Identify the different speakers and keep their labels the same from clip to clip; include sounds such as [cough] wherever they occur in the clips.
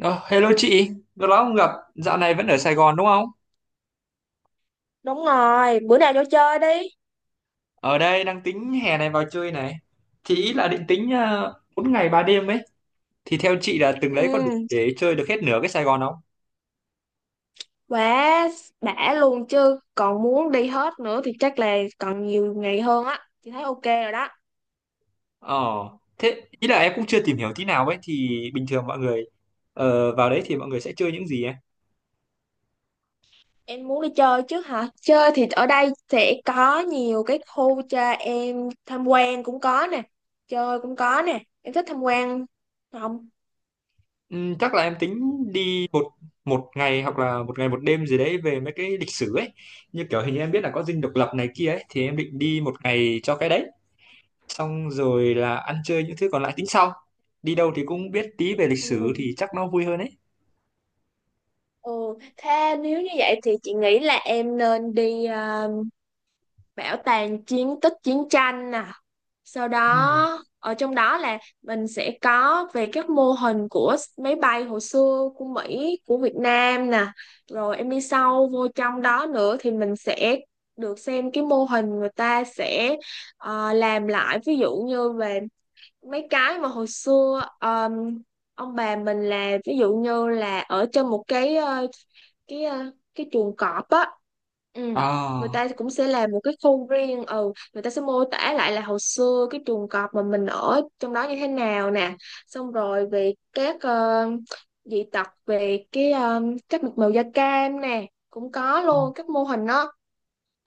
Speaker 1: Ờ, hello chị, lâu lắm không gặp, dạo này vẫn ở Sài Gòn đúng không?
Speaker 2: Đúng rồi, bữa nào vô chơi đi.
Speaker 1: Ở đây đang tính hè này vào chơi này. Chị ý là định tính 4 ngày 3 đêm ấy, thì theo chị là từng đấy có đủ
Speaker 2: Ừ,
Speaker 1: để chơi được hết nửa cái Sài Gòn không?
Speaker 2: quá đã luôn chứ. Còn muốn đi hết nữa thì chắc là còn nhiều ngày hơn á. Chị thấy ok rồi đó.
Speaker 1: Ờ, thế ý là em cũng chưa tìm hiểu tí nào ấy, thì bình thường mọi người vào đấy thì mọi người sẽ chơi những gì ấy?
Speaker 2: Em muốn đi chơi chứ hả? Chơi thì ở đây sẽ có nhiều cái khu cho em tham quan cũng có nè. Chơi cũng có nè. Em thích tham quan không?
Speaker 1: Chắc là em tính đi một một ngày hoặc là một ngày một đêm gì đấy về mấy cái lịch sử ấy. Như kiểu hình như em biết là có Dinh Độc Lập này kia ấy, thì em định đi một ngày cho cái đấy. Xong rồi là ăn chơi những thứ còn lại tính sau. Đi đâu thì cũng biết tí về lịch
Speaker 2: Ừ.
Speaker 1: sử thì chắc nó vui hơn ấy.
Speaker 2: Ừ, thế nếu như vậy thì chị nghĩ là em nên đi à, bảo tàng chiến tích chiến tranh nè, sau
Speaker 1: Ừ.
Speaker 2: đó ở trong đó là mình sẽ có về các mô hình của máy bay hồi xưa của Mỹ của Việt Nam nè. Rồi em đi sâu vô trong đó nữa thì mình sẽ được xem cái mô hình người ta sẽ làm lại, ví dụ như về mấy cái mà hồi xưa ông bà mình làm, ví dụ như là ở trên một cái cái ờ, cái chuồng cọp á. Ừ. Người
Speaker 1: À,
Speaker 2: ta cũng sẽ làm một cái khu riêng, ừ, người ta sẽ mô tả lại là hồi xưa cái chuồng cọp mà mình ở trong đó như thế nào nè. Xong rồi về các dị tật về cái các mạch màu da cam nè, cũng có luôn các mô hình đó.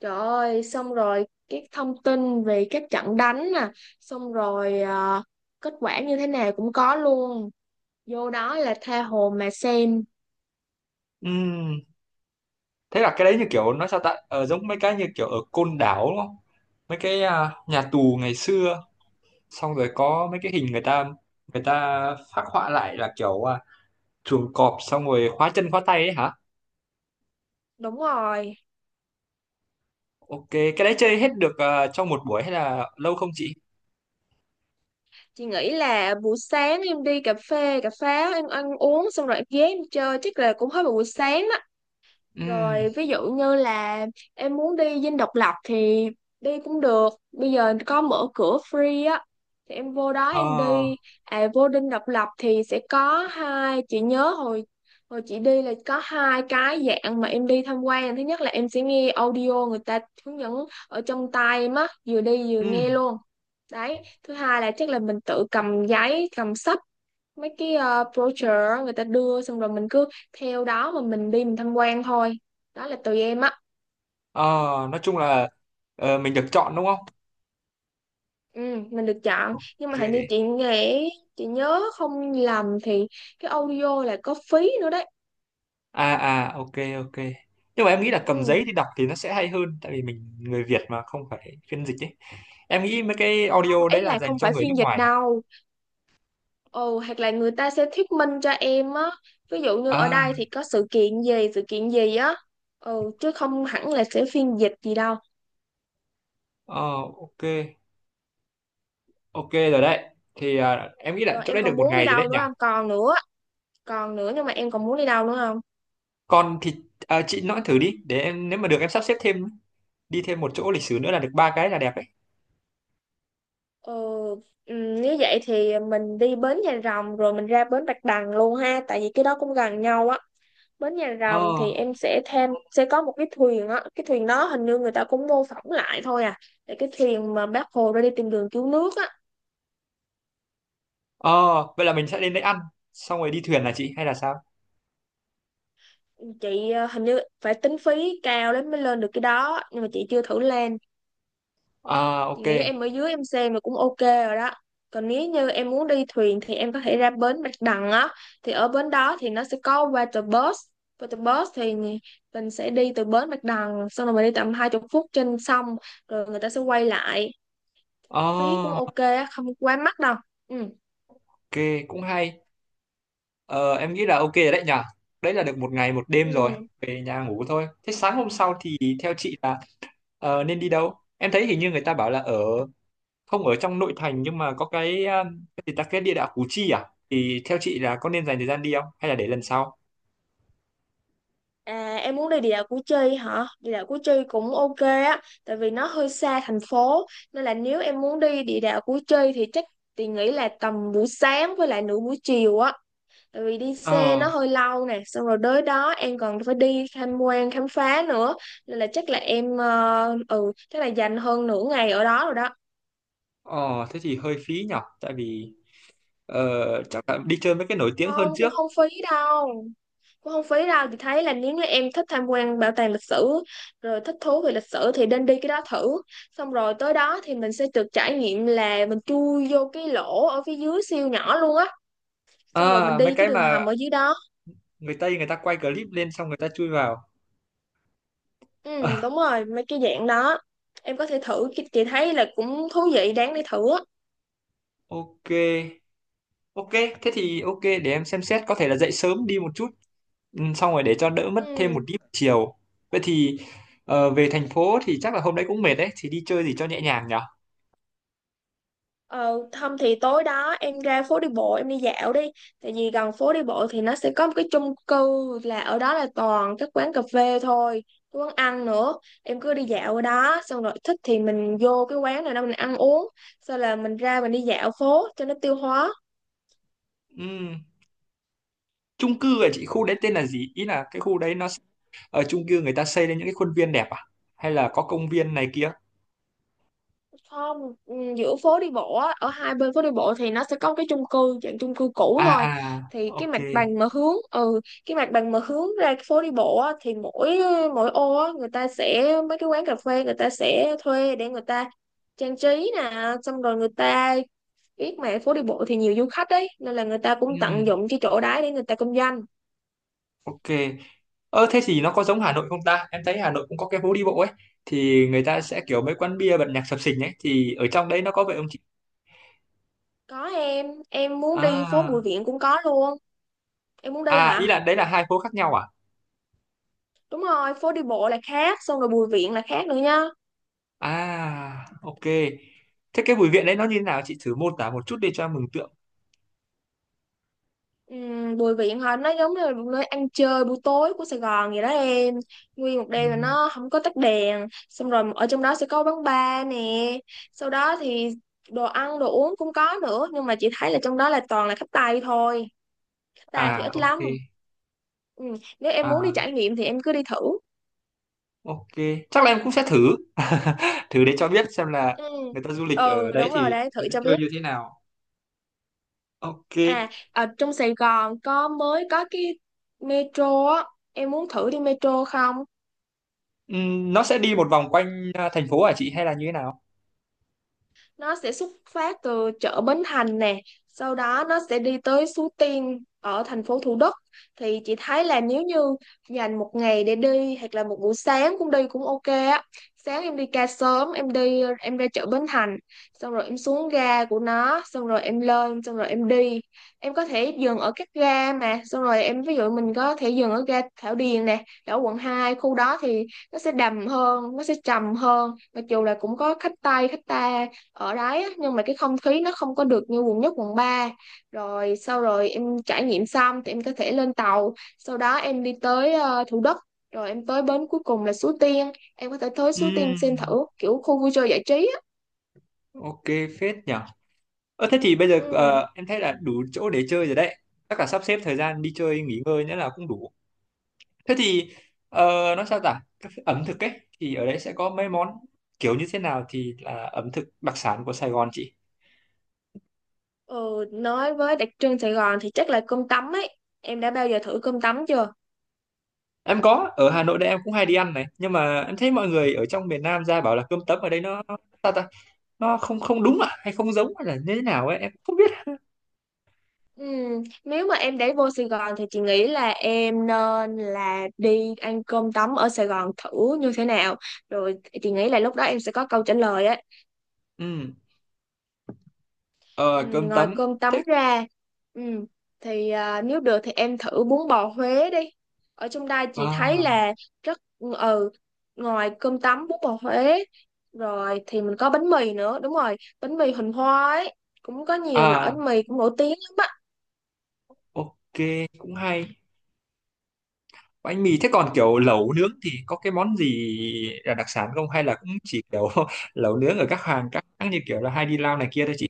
Speaker 2: Trời ơi, xong rồi cái thông tin về các trận đánh nè, xong rồi à, kết quả như thế nào cũng có luôn. Vô đó là tha hồ mà xem.
Speaker 1: ừ. Thế là cái đấy như kiểu nói sao ta, giống mấy cái như kiểu ở Côn Đảo đúng không? Mấy cái, à, nhà tù ngày xưa, xong rồi có mấy cái hình người ta phác họa lại là kiểu, à, chuồng cọp xong rồi khóa chân khóa tay ấy hả?
Speaker 2: Đúng rồi,
Speaker 1: Ok, cái đấy chơi hết được à, trong một buổi hay là lâu không chị?
Speaker 2: chị nghĩ là buổi sáng em đi cà phê, cà pháo, em ăn uống xong rồi em ghé em chơi chắc là cũng hết một buổi sáng đó.
Speaker 1: Ừ.
Speaker 2: Rồi ví dụ như là em muốn đi Dinh Độc Lập thì đi cũng được. Bây giờ có mở cửa free á. Thì em vô đó em
Speaker 1: Ờ.
Speaker 2: đi. À, vô Dinh Độc Lập thì sẽ có hai, chị nhớ hồi hồi chị đi là có hai cái dạng mà em đi tham quan. Thứ nhất là em sẽ nghe audio người ta hướng dẫn ở trong tai em á, vừa đi vừa
Speaker 1: Ừ.
Speaker 2: nghe luôn. Đấy, thứ hai là chắc là mình tự cầm giấy, cầm sách mấy cái brochure người ta đưa, xong rồi mình cứ theo đó mà mình đi mình tham quan thôi, đó là tùy em á.
Speaker 1: Ờ. Nói chung là mình được chọn đúng không?
Speaker 2: Ừ, mình được chọn nhưng
Speaker 1: Ok.
Speaker 2: mà hình như chị nghĩ, chị nhớ không lầm thì cái audio là có phí nữa đấy.
Speaker 1: À, à, ok, ok. Nhưng mà em nghĩ là cầm
Speaker 2: Ừ,
Speaker 1: giấy đi đọc thì nó sẽ hay hơn, tại vì mình người Việt mà không phải phiên dịch ấy. Em nghĩ mấy cái
Speaker 2: không,
Speaker 1: audio
Speaker 2: ý
Speaker 1: đấy là
Speaker 2: là
Speaker 1: dành
Speaker 2: không
Speaker 1: cho
Speaker 2: phải
Speaker 1: người nước
Speaker 2: phiên dịch
Speaker 1: ngoài. À,
Speaker 2: đâu. Ừ, hoặc là người ta sẽ thuyết minh cho em á, ví dụ như ở
Speaker 1: à,
Speaker 2: đây thì có sự kiện gì á. Ừ, chứ không hẳn là sẽ phiên dịch gì đâu.
Speaker 1: ờ, ok. Ok rồi đấy. Thì à, em nghĩ là
Speaker 2: Rồi
Speaker 1: chỗ
Speaker 2: em
Speaker 1: đấy được
Speaker 2: còn
Speaker 1: một
Speaker 2: muốn đi
Speaker 1: ngày rồi đấy
Speaker 2: đâu nữa
Speaker 1: nhỉ.
Speaker 2: không, còn nữa, còn nữa nhưng mà em còn muốn đi đâu nữa không?
Speaker 1: Còn thì à, chị nói thử đi để em nếu mà được em sắp xếp thêm, đi thêm một chỗ lịch sử nữa là được ba cái là đẹp đấy.
Speaker 2: Ờ, nếu vậy thì mình đi bến Nhà Rồng rồi mình ra bến Bạch Đằng luôn ha, tại vì cái đó cũng gần nhau á. Bến Nhà
Speaker 1: Ờ.
Speaker 2: Rồng thì em sẽ thêm, sẽ có một cái thuyền á, cái thuyền đó hình như người ta cũng mô phỏng lại thôi à, là cái thuyền mà bác Hồ ra đi tìm đường cứu nước á.
Speaker 1: Ờ. Vậy là mình sẽ đến đấy ăn xong rồi đi thuyền là chị hay là sao?
Speaker 2: Chị hình như phải tính phí cao lắm mới lên được cái đó nhưng mà chị chưa thử lên.
Speaker 1: À,
Speaker 2: Chị
Speaker 1: ok.
Speaker 2: nghĩ em ở dưới em xem là cũng ok rồi đó. Còn nếu như em muốn đi thuyền thì em có thể ra bến Bạch Đằng á. Thì ở bến đó thì nó sẽ có water bus. Water bus thì mình sẽ đi từ bến Bạch Đằng xong rồi mình đi tầm 20 phút trên sông rồi người ta sẽ quay lại. Phí cũng
Speaker 1: Ờ,
Speaker 2: ok á, không quá mắc đâu. Ừ.
Speaker 1: ok, cũng hay. Ờ, em nghĩ là ok rồi đấy nhở. Đấy là được một ngày một đêm rồi,
Speaker 2: Ừ.
Speaker 1: về nhà ngủ thôi. Thế sáng hôm sau thì theo chị là nên đi đâu? Em thấy hình như người ta bảo là ở, không ở trong nội thành nhưng mà có cái gì ta, cái địa đạo Củ Chi à? Thì theo chị là có nên dành thời gian đi không? Hay là để lần sau?
Speaker 2: À, em muốn đi địa đạo Củ Chi hả? Địa đạo Củ Chi cũng ok á, tại vì nó hơi xa thành phố, nên là nếu em muốn đi địa đạo Củ Chi thì chắc, thì nghĩ là tầm buổi sáng với lại nửa buổi chiều á, tại vì đi xe
Speaker 1: Ờ,
Speaker 2: nó hơi lâu nè, xong rồi tới đó em còn phải đi tham quan khám phá nữa, nên là chắc là em ừ, chắc là dành hơn nửa ngày ở đó rồi đó.
Speaker 1: ờ thế thì hơi phí nhở. Tại vì chắc là đi chơi mấy cái nổi tiếng hơn
Speaker 2: Không, cũng
Speaker 1: trước.
Speaker 2: không phí đâu, cũng không phí đâu. Chị thấy là nếu như em thích tham quan bảo tàng lịch sử rồi thích thú về lịch sử thì nên đi cái đó thử. Xong rồi tới đó thì mình sẽ được trải nghiệm là mình chui vô cái lỗ ở phía dưới siêu nhỏ luôn á, xong rồi mình
Speaker 1: À, mấy
Speaker 2: đi cái
Speaker 1: cái
Speaker 2: đường
Speaker 1: mà
Speaker 2: hầm ở dưới đó.
Speaker 1: người Tây người ta quay clip lên xong người ta chui vào.
Speaker 2: Ừ đúng
Speaker 1: [laughs]
Speaker 2: rồi, mấy cái dạng đó em có thể thử. Chị thấy là cũng thú vị, đáng để thử á.
Speaker 1: Ok. Ok, thế thì ok để em xem xét, có thể là dậy sớm đi một chút, ừ, xong rồi để cho đỡ mất thêm
Speaker 2: Ừ.
Speaker 1: một tí buổi chiều. Vậy thì về thành phố thì chắc là hôm đấy cũng mệt đấy, thì đi chơi gì cho nhẹ nhàng nhở?
Speaker 2: Ờ, không thì tối đó em ra phố đi bộ em đi dạo đi, tại vì gần phố đi bộ thì nó sẽ có một cái chung cư, là ở đó là toàn các quán cà phê thôi, cái quán ăn nữa. Em cứ đi dạo ở đó xong rồi thích thì mình vô cái quán này đó mình ăn uống, sau là mình ra mình đi dạo phố cho nó tiêu hóa.
Speaker 1: Ừm, Chung cư ở chị khu đấy tên là gì? Ý là cái khu đấy ở chung cư người ta xây lên những cái khuôn viên đẹp à? Hay là có công viên này kia?
Speaker 2: Không, ừ, giữa phố đi bộ á, ở hai bên phố đi bộ thì nó sẽ có cái chung cư, dạng chung cư cũ
Speaker 1: À
Speaker 2: thôi.
Speaker 1: à,
Speaker 2: Thì cái
Speaker 1: ok.
Speaker 2: mặt bằng mà hướng, ừ, cái mặt bằng mà hướng ra cái phố đi bộ á thì mỗi mỗi ô á người ta sẽ mấy cái quán cà phê người ta sẽ thuê để người ta trang trí nè, xong rồi người ta biết mà phố đi bộ thì nhiều du khách đấy nên là người ta cũng
Speaker 1: Ừm,
Speaker 2: tận dụng cái chỗ đấy để người ta kinh doanh.
Speaker 1: ok. Ơ, thế thì nó có giống Hà Nội không ta? Em thấy Hà Nội cũng có cái phố đi bộ ấy thì người ta sẽ kiểu mấy quán bia bật nhạc sập sình ấy thì ở trong đấy nó có vậy không chị?
Speaker 2: Có, em muốn đi phố
Speaker 1: À,
Speaker 2: Bùi Viện cũng có luôn. Em muốn đi
Speaker 1: à, ý
Speaker 2: hả?
Speaker 1: là đấy là hai phố khác nhau à?
Speaker 2: Đúng rồi, phố đi bộ là khác, xong rồi Bùi Viện là khác nữa nha.
Speaker 1: À, ok. Thế cái Bùi Viện đấy nó như thế nào, chị thử mô tả một chút đi cho em mường tượng.
Speaker 2: Bùi Viện hả, nó giống như là một nơi ăn chơi buổi tối của Sài Gòn vậy đó em. Nguyên một
Speaker 1: Ừ.
Speaker 2: đêm là nó không có tắt đèn, xong rồi ở trong đó sẽ có quán bar nè, sau đó thì đồ ăn đồ uống cũng có nữa, nhưng mà chị thấy là trong đó là toàn là khách Tây thôi, khách
Speaker 1: À,
Speaker 2: ta thì ít
Speaker 1: ok.
Speaker 2: lắm. Ừm, nếu em muốn đi
Speaker 1: À,
Speaker 2: trải nghiệm thì em cứ đi thử.
Speaker 1: ok, chắc là em cũng sẽ thử [laughs] thử để cho biết xem là
Speaker 2: Ừ.
Speaker 1: người ta du lịch
Speaker 2: Ừ
Speaker 1: ở đấy
Speaker 2: đúng rồi
Speaker 1: thì
Speaker 2: đấy, thử
Speaker 1: người ta
Speaker 2: cho
Speaker 1: chơi
Speaker 2: biết.
Speaker 1: như thế nào. Ok.
Speaker 2: À, ở trong Sài Gòn có mới có cái metro á, em muốn thử đi metro không?
Speaker 1: Nó sẽ đi một vòng quanh à, thành phố hả chị hay là như thế nào?
Speaker 2: Nó sẽ xuất phát từ chợ Bến Thành nè, sau đó nó sẽ đi tới Suối Tiên ở thành phố Thủ Đức. Thì chị thấy là nếu như dành một ngày để đi hoặc là một buổi sáng cũng đi cũng ok á. Sáng em đi ca sớm em đi em ra chợ Bến Thành, xong rồi em xuống ga của nó, xong rồi em lên xong rồi em đi. Em có thể dừng ở các ga mà, xong rồi em ví dụ mình có thể dừng ở ga Thảo Điền nè ở quận Hai, khu đó thì nó sẽ đầm hơn, nó sẽ trầm hơn, mặc dù là cũng có khách Tây khách ta ở đấy á, nhưng mà cái không khí nó không có được như quận nhất quận ba. Rồi sau rồi em trải nghiệm xong thì em có thể lên tàu, sau đó em đi tới Thủ Đức, rồi em tới bến cuối cùng là Suối Tiên, em có thể tới Suối
Speaker 1: Ừm,
Speaker 2: Tiên xem thử kiểu khu vui chơi giải trí á.
Speaker 1: ok, phết nhỉ. Ờ, thế thì bây giờ
Speaker 2: Ừ.
Speaker 1: em thấy là đủ chỗ để chơi rồi đấy. Chắc là sắp xếp thời gian đi chơi nghỉ ngơi nữa là cũng đủ. Thế thì ờ, nói sao ta các ẩm thực ấy, thì ở đấy sẽ có mấy món kiểu như thế nào thì là ẩm thực đặc sản của Sài Gòn chị?
Speaker 2: Ừ, nói với đặc trưng Sài Gòn thì chắc là cơm tấm ấy, em đã bao giờ thử cơm tấm chưa?
Speaker 1: Em có, ở Hà Nội đây em cũng hay đi ăn này, nhưng mà em thấy mọi người ở trong miền Nam ra bảo là cơm tấm ở đây nó, sao ta, nó không không đúng à, hay không giống, hay là như thế nào ấy, em không biết.
Speaker 2: Ừ. Nếu mà em để vô Sài Gòn thì chị nghĩ là em nên là đi ăn cơm tấm ở Sài Gòn thử như thế nào, rồi chị nghĩ là lúc đó em sẽ có câu trả lời á.
Speaker 1: Ừ.
Speaker 2: Ừ,
Speaker 1: ờ, Cơm
Speaker 2: ngoài
Speaker 1: tấm
Speaker 2: cơm tấm
Speaker 1: thế.
Speaker 2: ra, ừ, thì à, nếu được thì em thử bún bò Huế đi, ở trong đây chị thấy
Speaker 1: À,
Speaker 2: là rất, ừ, ngoài cơm tấm bún bò Huế rồi thì mình có bánh mì nữa, đúng rồi bánh mì Huỳnh Hoa ấy, cũng có nhiều loại
Speaker 1: à,
Speaker 2: bánh mì cũng nổi tiếng lắm.
Speaker 1: ok, cũng hay. Bánh mì thế còn kiểu lẩu nướng thì có cái món gì là đặc sản không hay là cũng chỉ kiểu [laughs] lẩu nướng ở các hàng các hãng như kiểu là Hai đi Lao này kia thôi chị?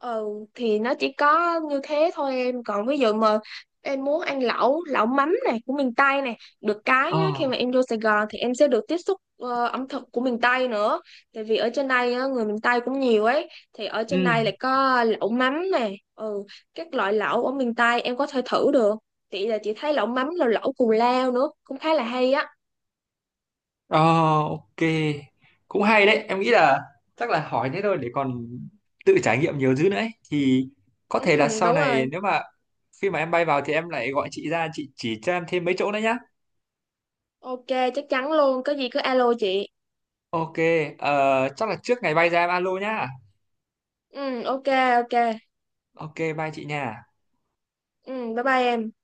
Speaker 2: Ừ, thì nó chỉ có như thế thôi em, còn ví dụ mà em muốn ăn lẩu, lẩu mắm này của miền Tây này được cái
Speaker 1: Ờ,
Speaker 2: nhá, khi mà em vô Sài Gòn thì em sẽ được tiếp xúc ẩm thực của miền Tây nữa, tại vì ở trên đây á, người miền Tây cũng nhiều ấy, thì ở
Speaker 1: ừ,
Speaker 2: trên đây lại có lẩu mắm này. Ừ, các loại lẩu ở miền Tây em có thể thử được. Chị thấy lẩu mắm là lẩu cù lao nữa cũng khá là hay á.
Speaker 1: ờ, ok, cũng hay đấy. Em nghĩ là chắc là hỏi thế thôi để còn tự trải nghiệm nhiều thứ nữa ấy. Thì có thể
Speaker 2: [laughs]
Speaker 1: là
Speaker 2: Ừ,
Speaker 1: sau
Speaker 2: đúng
Speaker 1: này
Speaker 2: rồi.
Speaker 1: nếu mà khi mà em bay vào thì em lại gọi chị ra chị chỉ cho em thêm mấy chỗ nữa nhá.
Speaker 2: Ok, chắc chắn luôn, có gì cứ alo chị.
Speaker 1: Ok, chắc là trước ngày bay ra em alo nhá.
Speaker 2: Ừ, ok, ok.
Speaker 1: Ok, bye chị nha.
Speaker 2: Ừ, bye bye em.